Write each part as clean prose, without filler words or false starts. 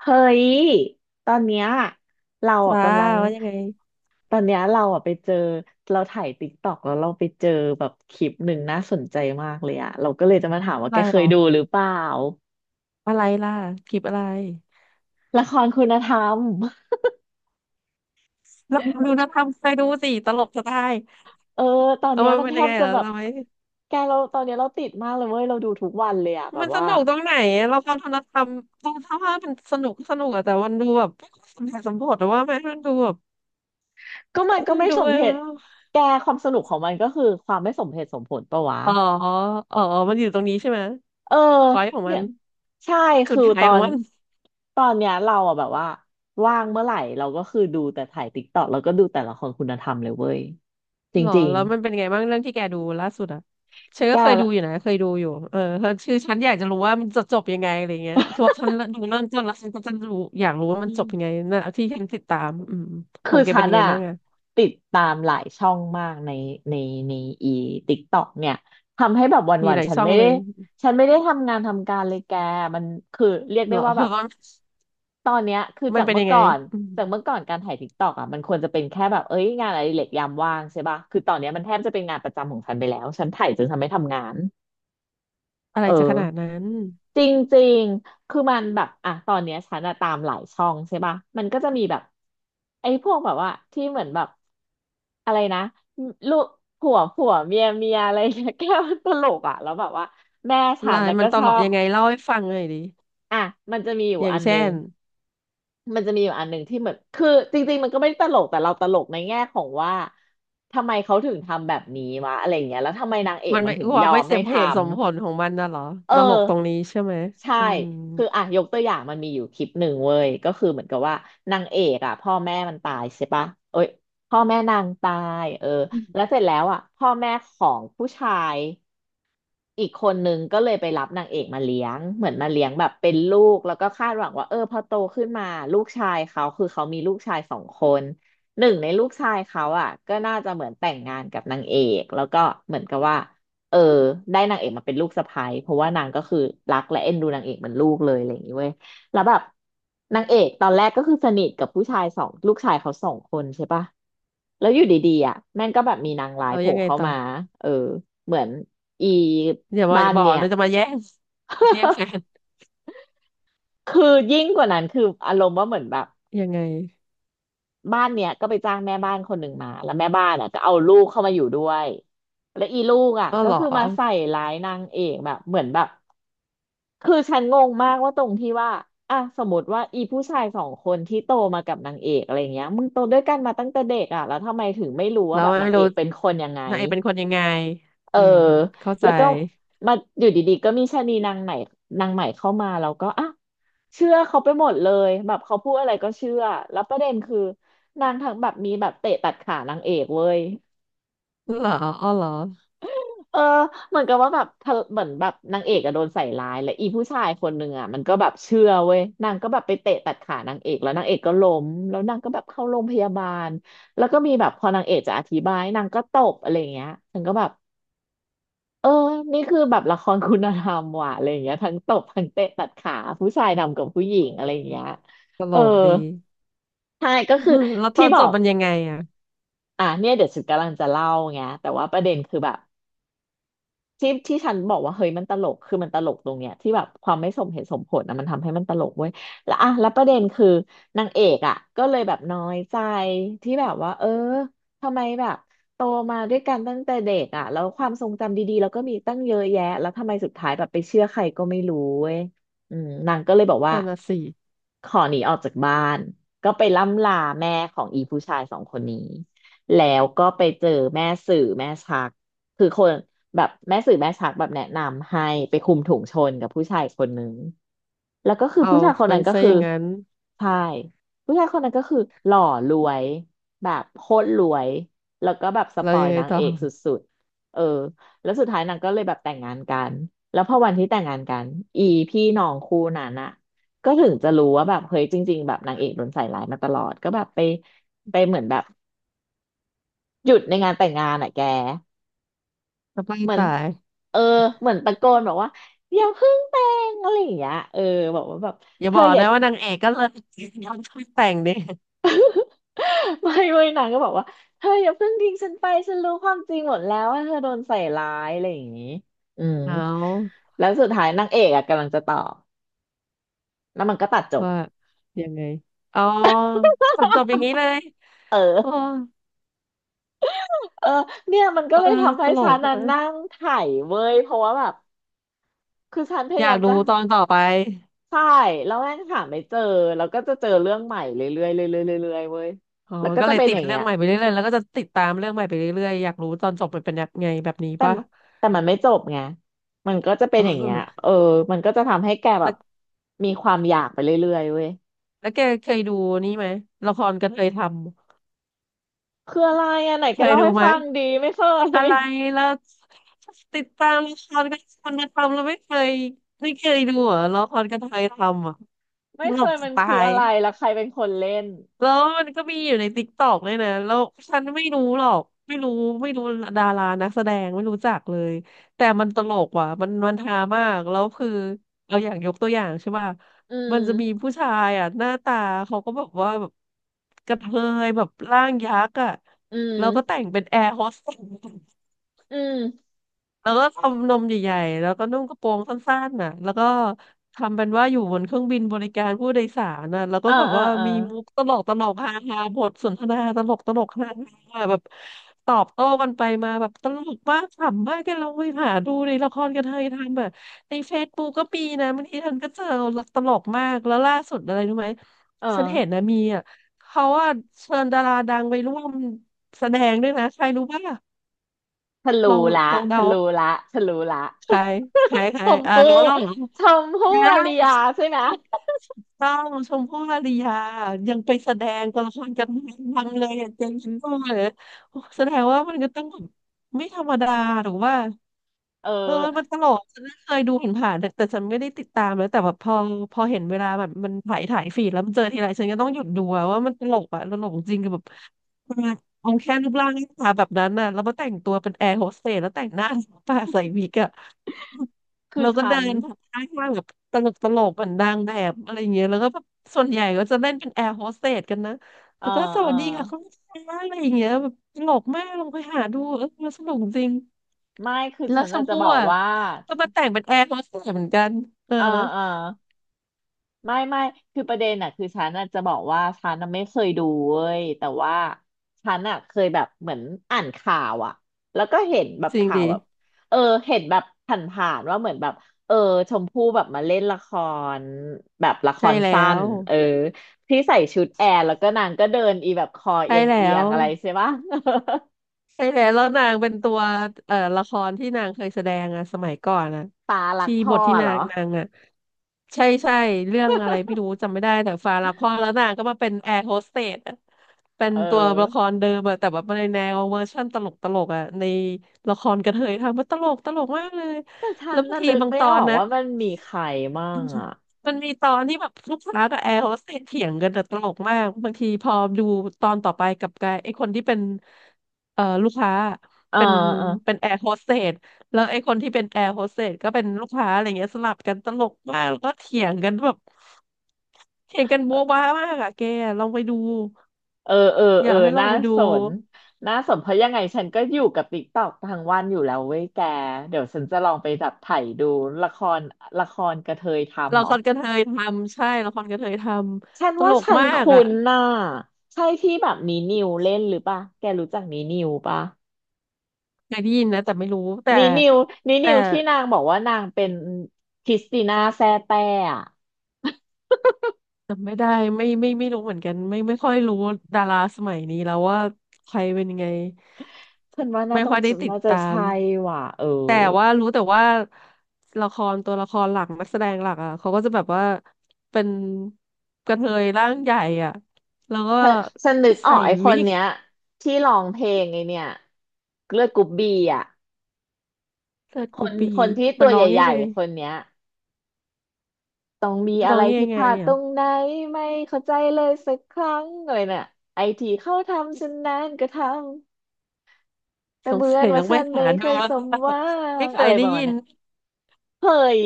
เฮ้ย ตอนเนี้ยเราอ่ะจ้ากำลังว่ายังไงตอนเนี้ยเราอ่ะไปเจอเราถ่ายติ๊กต็อกแล้วเราไปเจอแบบคลิปหนึ่งน่าสนใจมากเลยอ่ะเราก็เลยจะมาถาคลิมปว่าอะแกไรเคเหรยอดูหรือเปล่าอะไรล่ะคลิปอะไรละครคุณธรรมลองดูนะทำไปดูสิตลกจะได้เออตอนเอาเนี้ยมันมันเป็แทนยังบไงจะเหรอแบบทำไมแกเราตอนเนี้ยเราติดมากเลยเว้ยเราดูทุกวันเลยอ่ะแบมับนสว่านุกตรงไหนอะเราความทำธรรมตรงถ้าว่ามันสนุกก็สนุกอะแต่มันดูแบบไม่ค่อยสมเหตุสมผลหรือว่าไหมมันดูแบบก็มันก็มันไม่ดูสมเออเหตุแกความสนุกของมันก็คือความไม่สมเหตุสมผลปะวะ อ๋ออ๋อมันอยู่ตรงนี้ใช่ไหมเออพอยของมัเนี่ยนใช่จุดคือขายของมัน ตอนเนี้ยเราอะแบบว่าว่างเมื่อไหร่เราก็คือดูแต่ถ่ายติ๊กต็อกแล้วก็ดูแต่ละครคุณธรรมเลยเว้ยจหรอริงแล้วมันเป็นไงบ้างเรื่องที่แกดูล่าสุดอ่ะฉันๆแกก็เคยดูละ อยู่นะเคยดูอยู่เออคือฉันอยากจะรู้ว่ามันจะจบยังไงอะไรเงี้ยคือว่าฉันดูเริ่มต้นแล้วฉันก็จะรู้อยากรู้ว่ามันจบยังไงนะที่ฉันติดตามอืมขคือองแกฉัเป็นนยังไงอะบ้างอ่ะติดตามหลายช่องมากในในอีติ๊กต็อกเนี่ยทำให้แบบมีวันหลาๆยช่องเลยฉันไม่ได้ทำงานทำการเลยแกมันคือเรียกได้เหรอ ว่าแบบตอนเนี้ยคือมันเป็นยังไงอืมจากเมื่อก่อนการถ่ายติ๊กต็อกอะมันควรจะเป็นแค่แบบเอ้ยงานอะไรเล็กยามว่างใช่ปะคือตอนเนี้ยมันแทบจะเป็นงานประจำของฉันไปแล้วฉันถ่ายจนฉันไม่ทำงานอะไรเออ จะขนาดนั้นจริงๆคือมันแบบอ่ะตอนเนี้ยฉันอะตามหลายช่องใช่ป่ะมันก็จะมีแบบไอ้พวกแบบว่าที่เหมือนแบบอะไรนะลูกผัวผัวเมียเมียอะไรเงี้ย แก้ตลกอ่ะแล้วแบบว่าแม่ฉันอะไรนะมัก็นตชลอกบยังไงเล่าให้ฟังหน่อยดิอ่ะมันจะมีอยู่อย่าอังนเช่นึงนมันจะมีอยู่อันหนึ่งที่เหมือนคือจริงๆมันก็ไม่ได้ตลกแต่เราตลกในแง่ของว่าทำไมเขาถึงทำแบบนี้วะอะไรอย่างเงี้ยแล้วทำไมนางเอกมันมันไม่ถึงคยวามอไม่มสให้มเหทำ ตุสมผลของมันน่ะเหรอเออตลกตรงนี้ใช่ไหมใช่อืมคืออ่ะยกตัวอย่างมันมีอยู่คลิปหนึ่งเว้ยก็คือเหมือนกับว่านางเอกอ่ะพ่อแม่มันตายใช่ปะเอ้ยพ่อแม่นางตายเออแล้วเสร็จแล้วอ่ะพ่อแม่ของผู้ชาย อีกคนนึงก็เลยไปรับนางเอกมาเลี้ยงเหมือนมาเลี้ยงแบบเป็นลูกแล้วก็คาดหวังว่าเออพอโตขึ้นมาลูกชายเขาคือเขามีลูกชายสองคนหนึ่งในลูกชายเขาอ่ะก็น่าจะเหมือนแต่งงานกับนางเอกแล้วก็เหมือนกับว่าเออได้นางเอกมาเป็นลูกสะใภ้เพราะว่านางก็คือรักและเอ็นดูนางเอกเหมือนลูกเลยอะไรอย่างนี้เว้ย แล้วแบบนางเอกตอนแรกก็คือสนิทกับผู้ชายสองลูกชายเขาสองคนใช่ปะแล้วอยู่ดีๆอ่ะแม่งก็แบบมีนางร้ายเราโผล่ยังไงเข้าต่อ มาเออเหมือนอีอย่ามาบ้านบอเนี่กย เลยจะมาแย่ง แย่งแฟน คือยิ่งกว่านั้นคืออารมณ์ว่าเหมือนแบบยังไงบ้านเนี้ยก็ไปจ้างแม่บ้านคนหนึ่งมาแล้วแม่บ้านอ่ะก็เอาลูกเข้ามาอยู่ด้วยแล้วอีลูกอ่ะอ้อก็เหรอคือมาใส่ร้ายนางเอกแบบเหมือนแบบ คือฉันงงมากว่าตรงที่ว่าอ่ะสมมติว่าอีผู้ชายสองคนที่โตมากับนางเอกอะไรเงี้ยมึงโตด้วยกันมาตั้งแต่เด็กอ่ะแล้วทำไมถึงไม่รู้แล้ว่าวแบบนาไม่งเอรู้กเป็นคนยังไงนางเอกเป็นคนยังไงเอออืมเข้าใจแล้วก็มาอยู่ดีๆก็มีชะนีนางไหนนางใหม่เข้ามาแล้วก็อ่ะเชื่อเขาไปหมดเลยแบบเขาพูดอะไรก็เชื่อแล้วประเด็นคือนางทั้งแบบมีแบบเตะตัดขานางเอกเว้ย เหรออ้อเหรอเออเหมือนกับว่าแบบเธอเหมือนแบบนางเอกอะโดนใส่ร้ายและอีผู้ชายคนหนึ่งอะมันก็แบบเชื่อเว้ยนางก็แบบไปเตะตัดขานางเอกแล้วนางเอกก็ล้มแล้วนางก็แบบเข้าโรงพยาบาลแล้วก็มีแบบพอนางเอกจะอธิบายนางก็ตบอะไรอย่างเงี้ยฉันก็แบบเออนี่คือแบบละครคุณธรรมว่ะอะไรอย่างเงี้ยทั้งตบทั้งเตะตัดขาผู้ชายนำกับผู้หญิงอะไรเอออย่างเงี้ยตลเออกดี ใช่ก็ อืคือมแล้วตอที่นบจอบกมันยังไงอ่ะอ่ะเนี่ยเดี๋ยวฉันกำลังจะเล่าไงแต่ว่าประเด็นคือแบบ ที่ที่ฉันบอกว่าเฮ้ยมันตลกคือมันตลกตรงเนี้ยที่แบบความไม่สมเหตุสมผลนะมันทำให้มันตลกเว้ยแล้วอ่ะแล้วประเด็นคือนางเอกอ่ะก็เลยแบบน้อยใจที่แบบว่าเออทำไมแบบโตมาด้วยกันตั้งแต่เด็กอ่ะแล้วความทรงจำดีๆแล้วก็มีตั้งเยอะแยะแล้วทำไมสุดท้ายแบบไปเชื่อใครก็ไม่รู้เว้ยอืมนางก็เลยบอกว่านั่นน่ะสิขอหนีออกจากบ้านก็ไปล่ำลาแม่ของอีผู้ชายสองคนนี้แล้วก็ไปเจอแม่สื่อแม่ชัก คือคนแบบแม่สื่อแม่ชักแบบแนะนำให้ไปคุมถุงชนกับผู้ชายคนนึงแล้วก็คือเอาผู้ชายคนเป็นั้นนก็ซะคืออย่างนั้นใช่ผู้ชายคนนั้นก็คือหล่อรวยแบบโคตรรวยแล้วก็แบบสเราปอยยังไงนางต่อเอกสุดๆเออแล้วสุดท้ายนางก็เลยแบบแต่งงานกันแล้วพอวันที่แต่งงานกันอีพี่น้องคู่นั้นอะก็ถึงจะรู้ว่าแบบเฮ้ยจริงๆแบบนางเอกโดนใส่ร้ายมาตลอดก็แบบไปไปเหมือนแบบหยุดในงานแต่งงานอะแก จะไปเหมือนตายเออเหมือนตะโกนบอกว่าอย่าเพิ่งแต่งอะไรอย่างเงี้ยเออบอกว่าแบบอเธย่าบออกอย่า นะว่านางเอกก็เลย ยอมช่วยแต่งดิ ไม่ไม่นางก็บอกว่าเธออย่าเพิ่งทิ้งฉันไปฉันรู้ความจริงหมดแล้วว่าเธอโดนใส่ร้ายอะไรอย่างงี้อืมเอาแล้วสุดท้ายนางเอกอะกำลังจะตอบแล้วมันก็ตัดจบว่ายังไงอ๋อตอนจบอย่างนี้เลยเออ๋ออเออเนี่ยมันก็เออเลยทำตให้ลฉักนน่ะนั่อะงไถเว้ยเพราะว่าแบบคือฉันพอยายายากมดูจะตอนต่อไป ใช่แล้วแม่งหาไม่เจอแล้วก็จะเจอเรื่องใหม่เรื่อยๆเรื่อยๆเรื่อยๆเว้ยอ๋อแล้วก็ก็จะเลยเป็นติอดย่างเรื่เงี้องย ใหม่ไปเรื่อยๆแล้วก็จะติดตามเรื่องใหม่ไปเรื่อยๆอยากรู้ตอนจบมันเป็นยังไงแบบนี้แต่มป่ะ แต่มันไม่จบไงมันก็จะ เป็อ๋นอย่างเงี้ยอเออมันก็จะทำให้แกแบแล้บวมีความอยากไปเรื่อยๆเว้ยแกเคยดูนี่ไหมละครกระเทยทำคืออะไรอ่ะไหนเคแกยเล่าดูให้ไหมฟังดีไม่เคอะย ไรแล้วติดตามละครกระเทยมันทำแล้วไม่เคย ไม่เคยดูเหรอละครกระเทยทำอ่ะ ตไม่เคลกยจะมันตาคืออะย ไรแล้วใครเป็นคนเล่นแล้วมันก็มีอยู่ในติ๊กต็อกด้วยนะ แล้วฉันไม่รู้หรอก ไม่รู้ไม่รู้ดารานักแสดงไม่รู้จักเลย แต่มันตลกว่ะ มันมันฮามาก แล้วคือเอาอย่างยกตัวอย่างใช่ป่ะอืมันมจะมีผู้ชายอ่ะหน้าตาเขาก็แบบว่าแบบกระเทยแบบร่างยักษ์อ่ะ อืแล้วก็แต่มงเป็นแอร์โฮสเตส อืมแล้วก็ทำนมใหญ่ๆแล้วก็นุ่งกระโปรงสั้นๆน่ะแล้วก็ทำเป็นว่าอยู่บนเครื่องบินบริการผู้โดยสารน่ะแล้วก็เออแบบเออว่าเออมีมุกตลกตลกฮาฮาบทสนทนาตลกตลกฮาฮาแบบตอบโต้กันไปมาแบบตลกมากขำมากกันเราไปหาดูในละครกันเทยทำแบบในเฟซบุ๊กก็มีนะบางทีท่ันก็เจอตลกมากแล้วล่าสุดอะไรรู้ไหมเออฉันเห็นนะมีอ่ะเขาว่าเชิญดาราดังไปร่วมแสดงด้วยนะใครรู้ป่ะฉันลรู้องละฉัเดา นรู้ละฉันรู้ละ ใครใครใค ชรมอ่าพู่รู้แล้วเหรอชมพู่นะอารยาใช่ใช่ไหมถูกต้องชมพู่อารยายังไปแสดงตัวละครกันทังเลยอะเจนชินโก้เลยโอ้แสดงว่ามันก็ต้องแบบไม่ธรรมดาหรือว่าเออเออมันตลกฉันเคยดูผ่านๆแต่ฉันไม่ได้ติดตามเลยแต่แบบพอเห็นเวลาแบบมันถ่ายถ่ายฟีดแล้วมันเจอทีไรฉันก็ต้องหยุดดูอะว่ามันตลกอะตลกจริงกับแบบ มาเอาแค่รูปร่างหน้าตาแบบนั้นน่ะแล้วมาแต่งตัวเป็นแอร์โฮสเตสแล้วแต่งหน้าปาใส่วิกอะคือเราก็ฉัเดินนผ่านข้างๆแบบตลกตลกเหมือนนางแบบอะไรเงี้ยแล้วก็แบบส่วนใหญ่ก็จะเล่นเป็นแอร์โฮสเตสกันนะเออแล้วก็สเออวัสดีค่ะคุณลูกค้าอะไรอย่างเงี้ยแบบตลกมากลองไปหาดูเออมันสนุกจริงไม่คือแล้วฉันชน่ะมจะพู่บอกอ่ะว่าก็มาแต่งเป็นแอร์โฮสเตสเหมือนกันเออเออเออ ไม่ไม่คือประเด็นอะคือฉันอะจะบอกว่าฉันอะไม่เคยดูเว้ยแต่ว่าฉันอะเคยแบบเหมือนอ่านข่าวอะแล้วก็เห็นแบบจริงข่าดีวแบบเออเห็นแบบผ่านๆว่าเหมือนแบบเออชมพู่แบบมาเล่นละครแบบละคใช่รแล้สั้นวเออที่ใส่ชุดแอร์แล้วก็นางก็เดินอีแบบคอใช่เอียงแล้เอียว งอะไรใช่ปะ ใช่แล้วแล้วนางเป็นตัวเอ่อละครที่นางเคยแสดงอะสมัยก่อนอะ ตารักที่พ่บอทที่เหรนาองนางอะใช่ใช่เรื่องอะไรไม่รู้จำไม่ได้แต่ฟาละครแล้วนางก็มาเป็นแอร์โฮสเตสอะเป็นเอตัวละคอรเดิมอะแต่แบบในแนวเวอร์ชั่นตลกตลกอะในละครกระเทยทำมันตลกตลกมากเลยแต่ฉัแล้วนบางน่ะทีนึกบางไม่ตอออนกนะ ว่ามันมีใครมั่งอะมันมีตอนที่แบบลูกค้ากับแอร์โฮสเตสเถียงกันแต่ตลกมากบางทีพอดูตอนต่อไปกับกลายไอ้คนที่เป็นเอ่อลูกค้าเออเป็นเออ แอร์โฮสเตสแล้วไอ้คนที่เป็นแอร์โฮสเตสก็เป็นลูกค้าอะไรเงี้ยสลับกันตลกมากแล้วก็เถียงกันแบบเถียงกันโบ๊ะบ้ามากอะแกลองไปดูเออเอออเออยากให้ลอน่างไปดูสนเพราะยังไงฉันก็อยู่กับติ๊กตอกทั้งวันอยู่แล้วเว้ยแกเดี๋ยวฉันจะลองไปดับไถ่ดูละครกระเทยทำละเหรคอรกระเทยทำใช่ละครกระเทยทฉันำตว่าลกฉันมากคุ้อะนน่ะใช่ที่แบบนีนิวเล่นหรือปะแกรู้จักนีนิวปะเคยได้ยินนะแต่ไม่รู้แต่นีนิวแต่ ที่นางบอกว่านางเป็นคริสติน่าแซ่แต้อะ จำไม่ได้ไม่ไม่รู้เหมือนกันไม่ค่อยรู้ดาราสมัยนี้แล้วว่าใครเป็นยังไง ฉันว่าน่าไม่ต้อค่งอยได้ติดน่าจะตามใช่ว่ะเออ แต่ว่ารู้แต่ว่าละครตัวละครหลักนักแสดงหลักอ่ะเขาก็จะแบบว่าเป็นกระเทยร่างใหญ่อ่ะแล้วก็ฉันฉันนึกออใส่กไอ้ควินกเนี้ยที่ร้องเพลงไอเนี่ยเลือดกรุ๊ปบีอ่ะเลิศคกูนปีคนที่ตัมันวร้องใหยังญ่ไงๆคนเนี้ยต้องมีมันอะร้อไรงผิยัดงไงพลาดตอ่ะรงไหนไม่เข้าใจเลยสักครั้งเลยน่ะไอทีเขาทำฉันนานก็ทำแต่สเหงมือสันยว่าต้องไปฉันไม่หาเคดูยแล้สวมหวัไม่งเคอะยไรได้ประมาณยินเนี้ยเฮ้ย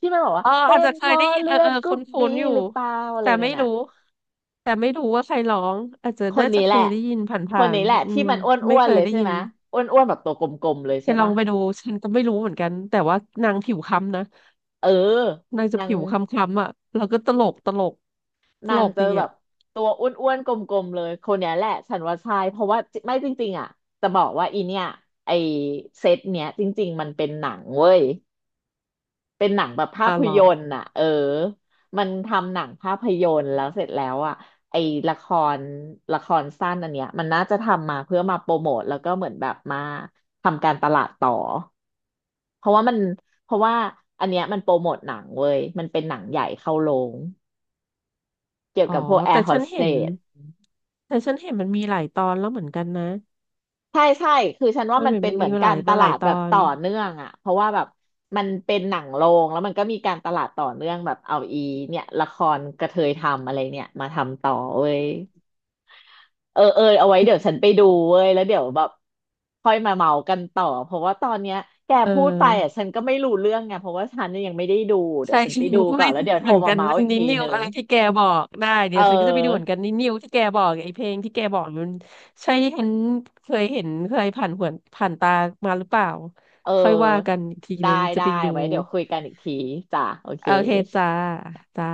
ที่มันบอกว่าเออเป็อาจนจะเคเพยราะได้ยินเลืเอออเอดอกรุ๊คุป้บีนๆอยู่หรือเปล่าอะไรแต่นั่ไม่นน่ะรู้ แต่ไม่รู้ว่าใครร้องอาจจะคนน่าจะนี้เคแหละยได้ยินผค่านๆอืที่มมันอไม่้วเคนๆยเลยได้ใช่ยิไหนมอ้วนๆแบบตัวกลมๆเลยจะใช่ลอปะ งไปดูฉันก็ไม่รู้เหมือนกันแต่ว่านางผิวค้ำนะเออนางจะนาผิงวค้ำๆอ่ะแล้วก็ตลกตลกตลกจะดีแบอ่ะบตัวอ้วนๆกลมๆเลยคนเนี้ยแหละฉันว่าใช่เพราะว่าจิไม่จริงๆอ่ะจะบอกว่าอีเนี่ยไอเซตเนี้ยจริงๆมันเป็นหนังเว้ยเป็นหนังแบบภาอ่ะพเหรอยนตร์น่ะเออมันทำหนังภาพยนตร์แล้วเสร็จแล้วอ่ะไอละครสั้นอันเนี้ยมันน่าจะทำมาเพื่อมาโปรโมทแล้วก็เหมือนแบบมาทำการตลาดต่อเพราะว่ามันเพราะว่าอันเนี้ยมันโปรโมทหนังเว้ยมันเป็นหนังใหญ่เข้าโรง เกี่ยวอ๋อกับพวกแอแต่ร์โฮฉันสเตเห็นสแต่ฉันเห็นมันมีหลายตอนแล้วเหมือนกันนะใช่คือฉันว่ามันมัเหนมือนเป็นมันเหมีมือนมาหกาลารยตมาหลาลายดตแบอบนต่อเนื่องอ่ะเพราะว่าแบบมันเป็นหนังโรงแล้วมันก็มีการตลาดต่อเนื่องแบบเอาอีเนี่ยละครกระเทยทำอะไรเนี่ยมาทำต่อเว้ยเออเออเอาไว้เดี๋ยวฉันไปดูเว้ยแล้วเดี๋ยวแบบค่อยมาเมากันต่อเพราะว่าตอนเนี้ยแกเอพูดไปอ่ะอ ฉันก็ไม่รู้เรื่องไงเพราะว่าฉันเนี่ยยังไม่ได้ดูเดี๋ยใช่ วฉั นฉัไปนดูก็ก่อนไม่แล้วรู้เดี๋ยวโทเหรมือนมากันเมาส์อีกนิ้ทีนิวนึงอะไรที่แกบอกได้เเดี๋ยวฉันก็จะไปดูเหมือออ นกันนิ้นิวที่แกบอกไอ้เพลงที่แกบอกมันใช่ที่ฉันเคยเห็นเคยผ่านหวนผ่านตามาหรือเปล่าเอค่อยว่ากัอนอีกทีได้นึงจะได้ไปดูไว้เดี๋ยวคุยกันอีกทีจ้ะโอเคโอเคจ้าจ้า